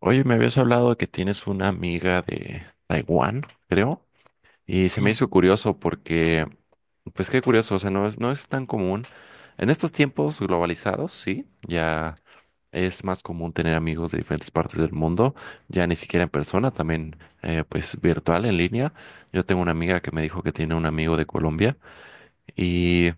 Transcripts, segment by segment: Oye, me habías hablado que tienes una amiga de Taiwán, creo, y se me hizo curioso porque, pues qué curioso, o sea, no es tan común. En estos tiempos globalizados, sí, ya es más común tener amigos de diferentes partes del mundo, ya ni siquiera en persona, también pues virtual, en línea. Yo tengo una amiga que me dijo que tiene un amigo de Colombia y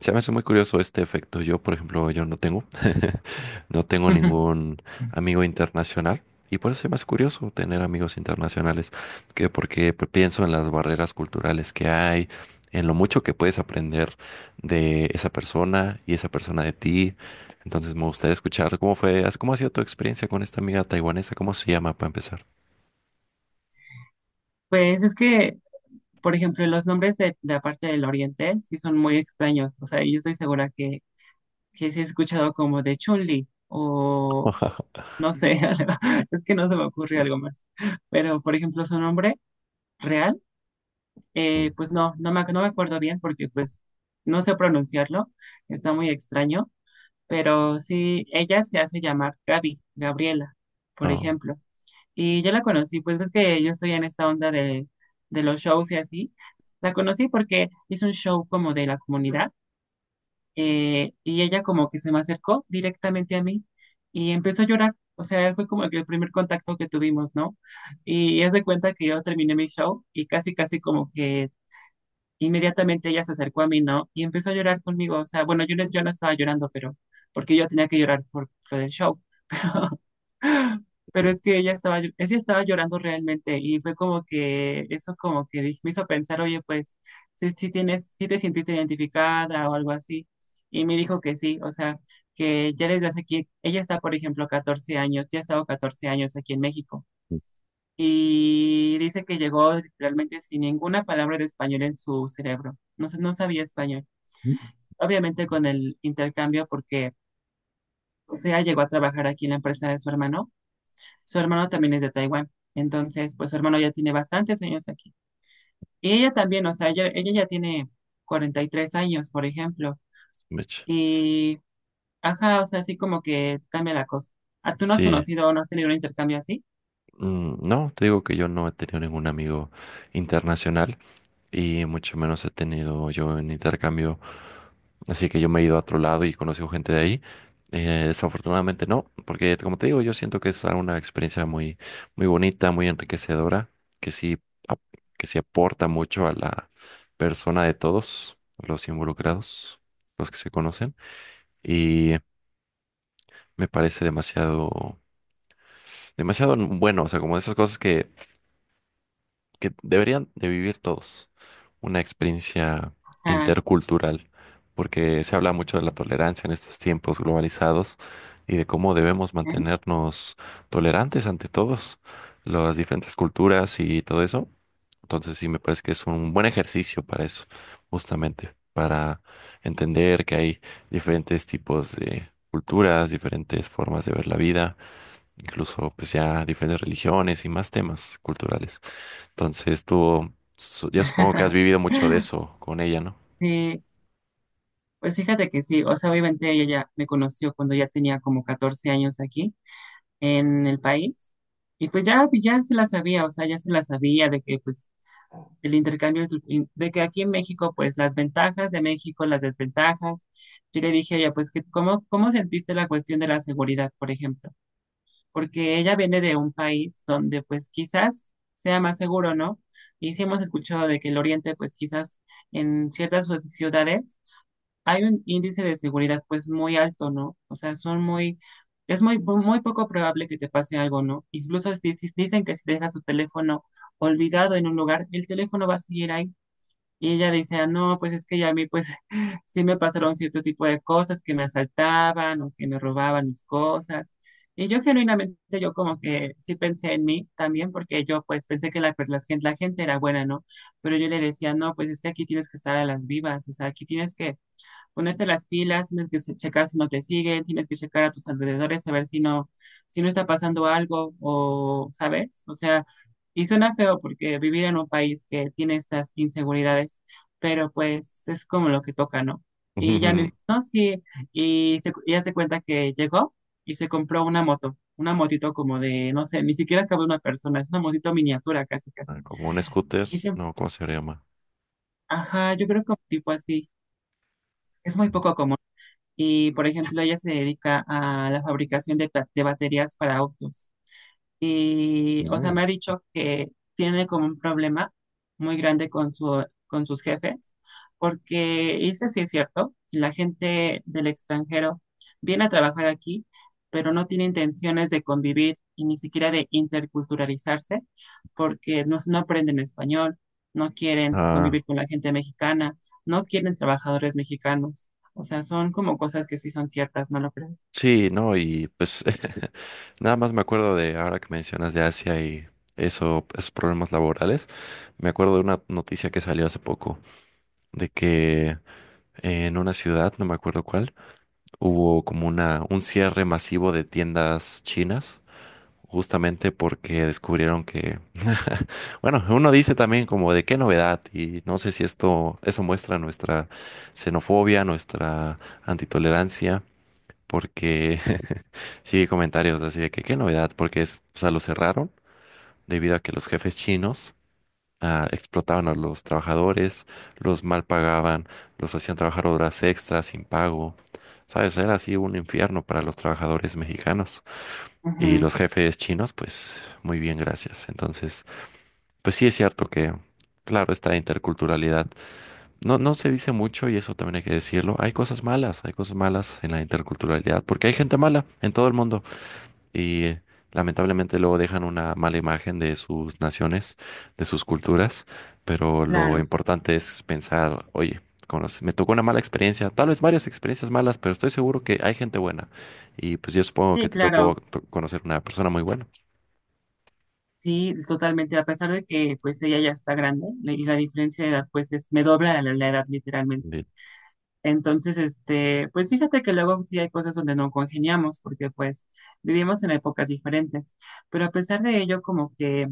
se me hace muy curioso este efecto. Yo, por ejemplo, yo no tengo, no tengo ningún amigo internacional y por eso es más curioso tener amigos internacionales, que porque pues, pienso en las barreras culturales que hay, en lo mucho que puedes aprender de esa persona y esa persona de ti. Entonces me gustaría escuchar cómo fue, cómo ha sido tu experiencia con esta amiga taiwanesa, cómo se llama para empezar. Pues es que, por ejemplo, los nombres de la parte del oriente sí son muy extraños. O sea, yo estoy segura que sí he escuchado como de Chun-Li o no sé, es que no se me ocurre algo más. Pero, por ejemplo, su nombre real, Mm. Pues no me acuerdo bien porque pues no sé pronunciarlo, está muy extraño. Pero sí, ella se hace llamar Gaby, Gabriela, por Oh. ejemplo. Y yo la conocí, pues ves que yo estoy en esta onda de los shows y así. La conocí porque hizo un show como de la comunidad y ella como que se me acercó directamente a mí y empezó a llorar. O sea, fue como que el primer contacto que tuvimos, ¿no? Y es de cuenta que yo terminé mi show y casi, casi como que inmediatamente ella se acercó a mí, ¿no? Y empezó a llorar conmigo. O sea, bueno, yo no estaba llorando, pero porque yo tenía que llorar por lo del show. Pero es que ella estaba llorando realmente y fue como que eso me hizo pensar, oye, pues si te sentiste identificada o algo así. Y me dijo que sí, o sea, que ya desde hace aquí, ella está, por ejemplo, 14 años, ya ha estado 14 años aquí en México. Y dice que llegó realmente sin ninguna palabra de español en su cerebro. No sabía español. Obviamente con el intercambio porque, o sea, llegó a trabajar aquí en la empresa de su hermano. Su hermano también es de Taiwán. Entonces, pues su hermano ya tiene bastantes años aquí. Y ella también, o sea, ella ya tiene 43 años, por ejemplo. Mitch. Y, ajá, o sea, así como que cambia la cosa. ¿A tú no has Sí. conocido o no has tenido un intercambio así? No, te digo que yo no he tenido ningún amigo internacional. Y mucho menos he tenido yo en intercambio. Así que yo me he ido a otro lado y conozco gente de ahí. Desafortunadamente no, porque como te digo, yo siento que es una experiencia muy, muy bonita, muy enriquecedora, que sí, ap- que sí aporta mucho a la persona de todos los involucrados, los que se conocen. Y me parece demasiado, demasiado bueno, o sea, como de esas cosas que deberían de vivir todos, una experiencia Ajá. intercultural, porque se habla mucho de la tolerancia en estos tiempos globalizados y de cómo debemos ¿eh? mantenernos tolerantes ante todos, las diferentes culturas y todo eso. Entonces sí me parece que es un buen ejercicio para eso, justamente, para entender que hay diferentes tipos de culturas, diferentes formas de ver la vida, incluso pues ya diferentes religiones y más temas culturales. Entonces tú, yo supongo que has vivido mucho de eso con ella, ¿no? Sí, pues fíjate que sí, o sea, obviamente ella ya me conoció cuando ya tenía como 14 años aquí en el país y pues ya, ya se la sabía, o sea, ya se la sabía de que pues el intercambio. De que aquí en México, pues las ventajas de México, las desventajas. Yo le dije a ella, pues, que, ¿cómo, cómo sentiste la cuestión de la seguridad, por ejemplo? Porque ella viene de un país donde, pues, quizás sea más seguro, ¿no? Y sí hemos escuchado de que el Oriente, pues, quizás en ciertas ciudades hay un índice de seguridad, pues, muy alto, ¿no? O sea, son muy, es muy, muy poco probable que te pase algo, ¿no? Incluso dicen que si dejas tu teléfono olvidado en un lugar, el teléfono va a seguir ahí. Y ella decía, no, pues es que ya a mí pues sí me pasaron cierto tipo de cosas, que me asaltaban o que me robaban mis cosas. Y yo genuinamente, yo como que sí pensé en mí también, porque yo pues pensé que la gente era buena, ¿no? Pero yo le decía, no, pues es que aquí tienes que estar a las vivas, o sea, aquí tienes que ponerte las pilas, tienes que checar si no te siguen, tienes que checar a tus alrededores, saber si no está pasando algo o, ¿sabes? O sea, y suena feo porque vivir en un país que tiene estas inseguridades, pero pues es como lo que toca, ¿no? Y ya me dijo, no, sí, y haz de cuenta que llegó y se compró una moto, una motito como de, no sé, ni siquiera cabe una persona, es una motito miniatura casi, casi. Ah, como un scooter, Y siempre, no, ¿cómo se llama? ajá, yo creo que tipo así, es muy poco común. Y, por ejemplo, ella se dedica a la fabricación de baterías para autos y, o sea, me ha Mm. dicho que tiene como un problema muy grande con con sus jefes, porque dice, sí es cierto, que la gente del extranjero viene a trabajar aquí, pero no tiene intenciones de convivir y ni siquiera de interculturalizarse, porque no aprenden español, no quieren Ah, convivir con la gente mexicana, no quieren trabajadores mexicanos. O sea, son como cosas que sí son ciertas, ¿no lo crees? sí, no, y pues nada más me acuerdo de ahora que mencionas de Asia y eso, esos problemas laborales. Me acuerdo de una noticia que salió hace poco de que en una ciudad, no me acuerdo cuál, hubo como una, un cierre masivo de tiendas chinas justamente porque descubrieron que, bueno, uno dice también como de qué novedad y no sé si esto, eso muestra nuestra xenofobia, nuestra antitolerancia, porque sí hay comentarios así de que qué novedad, porque es, o sea, lo cerraron debido a que los jefes chinos explotaban a los trabajadores, los mal pagaban, los hacían trabajar horas extras sin pago, ¿sabes? Era así un infierno para los trabajadores mexicanos. Y Ujú, los jefes chinos, pues muy bien, gracias. Entonces, pues sí es cierto que, claro, esta interculturalidad no se dice mucho y eso también hay que decirlo. Hay cosas malas en la interculturalidad porque hay gente mala en todo el mundo y lamentablemente luego dejan una mala imagen de sus naciones, de sus culturas, pero lo claro, importante es pensar, oye, me tocó una mala experiencia, tal vez varias experiencias malas, pero estoy seguro que hay gente buena y pues yo supongo que sí, te tocó claro. to- conocer una persona muy buena. Sí, totalmente, a pesar de que pues ella ya está grande y la diferencia de edad pues es, me dobla la edad literalmente. Bien. Entonces, este, pues fíjate que luego sí hay cosas donde no congeniamos porque pues vivimos en épocas diferentes, pero a pesar de ello como que,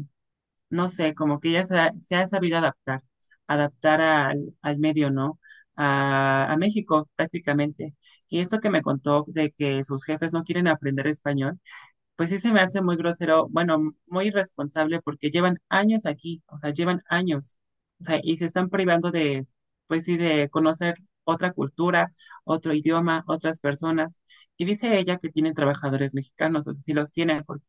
no sé, como que se ha sabido adaptar, adaptar al medio, ¿no? A México prácticamente. Y esto que me contó de que sus jefes no quieren aprender español pues sí se me hace muy grosero, bueno, muy irresponsable porque llevan años aquí, o sea, llevan años, o sea, y se están privando de, pues sí, de conocer otra cultura, otro idioma, otras personas. Y dice ella que tienen trabajadores mexicanos, o sea, sí los tienen, porque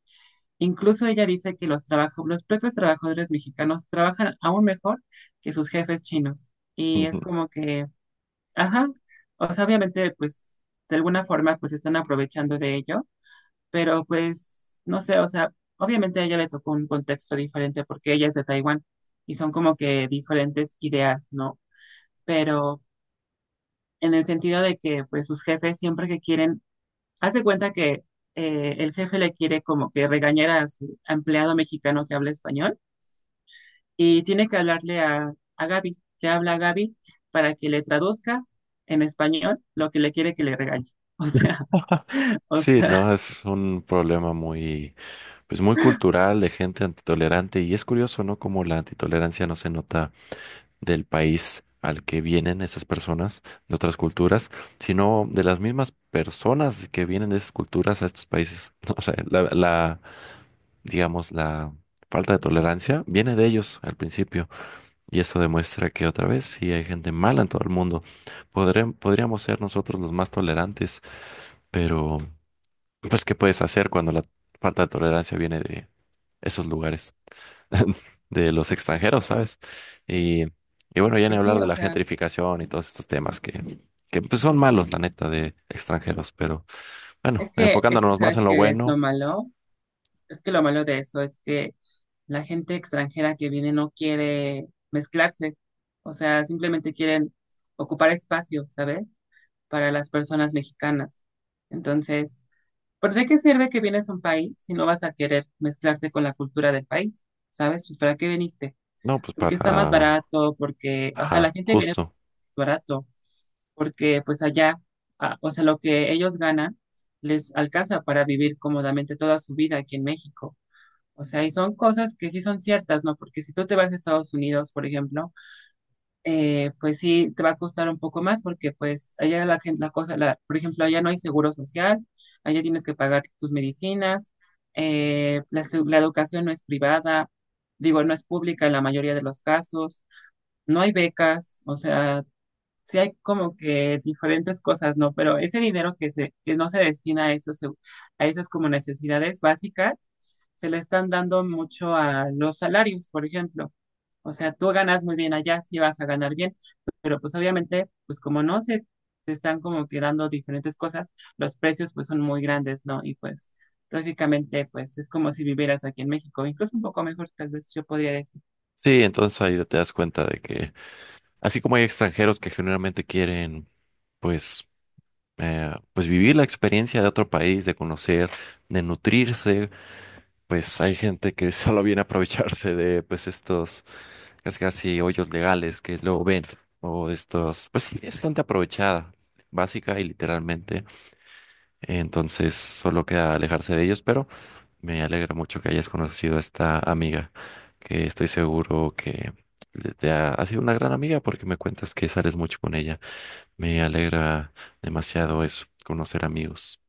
incluso ella dice que los propios trabajadores mexicanos trabajan aún mejor que sus jefes chinos. Y es como que, ajá, o sea, obviamente, pues, de alguna forma, pues están aprovechando de ello, pero pues no sé, o sea, obviamente a ella le tocó un contexto diferente porque ella es de Taiwán y son como que diferentes ideas, ¿no? Pero en el sentido de que pues sus jefes siempre que quieren, haz de cuenta que el jefe le quiere como que regañar a su empleado mexicano que habla español y tiene que hablarle a Gaby, le habla a Gaby para que le traduzca en español lo que le quiere que le regañe. O Sí, sea, no, es un problema muy, pues muy cultural de gente antitolerante y es curioso, ¿no? Como la antitolerancia no se nota del país al que vienen esas personas de otras culturas, sino de las mismas personas que vienen de esas culturas a estos países. O sea, digamos, la falta de tolerancia viene de ellos al principio y eso demuestra que otra vez sí hay gente mala en todo el mundo. Podríamos ser nosotros los más tolerantes. Pero, pues, ¿qué puedes hacer cuando la falta de tolerancia viene de esos lugares, de los extranjeros, ¿sabes? Y, y bueno, ya ni pues hablar sí, de o la sea, gentrificación y todos estos temas que pues, son malos, la neta, de extranjeros. Pero bueno, es que enfocándonos más sabes en lo que es lo bueno, malo. Es que lo malo de eso es que la gente extranjera que viene no quiere mezclarse, o sea, simplemente quieren ocupar espacio, ¿sabes? Para las personas mexicanas. Entonces, ¿por de qué sirve que vienes a un país si no vas a querer mezclarte con la cultura del país? ¿Sabes? Pues ¿para qué viniste? no, pues Porque está más para, barato, porque, o sea, la ajá, gente viene justo. barato, porque pues allá, ah, o sea, lo que ellos ganan les alcanza para vivir cómodamente toda su vida aquí en México. O sea, y son cosas que sí son ciertas, ¿no? Porque si tú te vas a Estados Unidos, por ejemplo, pues sí te va a costar un poco más porque pues allá la gente, la cosa, la, por ejemplo, allá no hay seguro social, allá tienes que pagar tus medicinas, la educación no es privada, digo, no es pública en la mayoría de los casos, no hay becas, o sea, sí hay como que diferentes cosas, ¿no? Pero ese dinero que no se destina a esos, a esas como necesidades básicas, se le están dando mucho a los salarios, por ejemplo. O sea, tú ganas muy bien allá, sí vas a ganar bien, pero pues obviamente, pues como no se, se están como que dando diferentes cosas, los precios pues son muy grandes, ¿no? Y pues prácticamente pues es como si vivieras aquí en México, incluso un poco mejor, tal vez yo podría decir. Sí, entonces ahí te das cuenta de que, así como hay extranjeros que generalmente quieren, pues, pues vivir la experiencia de otro país, de conocer, de nutrirse, pues hay gente que solo viene a aprovecharse de pues estos casi casi hoyos legales que luego ven o de estos, pues sí, es gente aprovechada, básica y literalmente. Entonces solo queda alejarse de ellos, pero me alegra mucho que hayas conocido a esta amiga, que estoy seguro que ha sido una gran amiga porque me cuentas que sales mucho con ella. Me alegra demasiado eso, conocer amigos.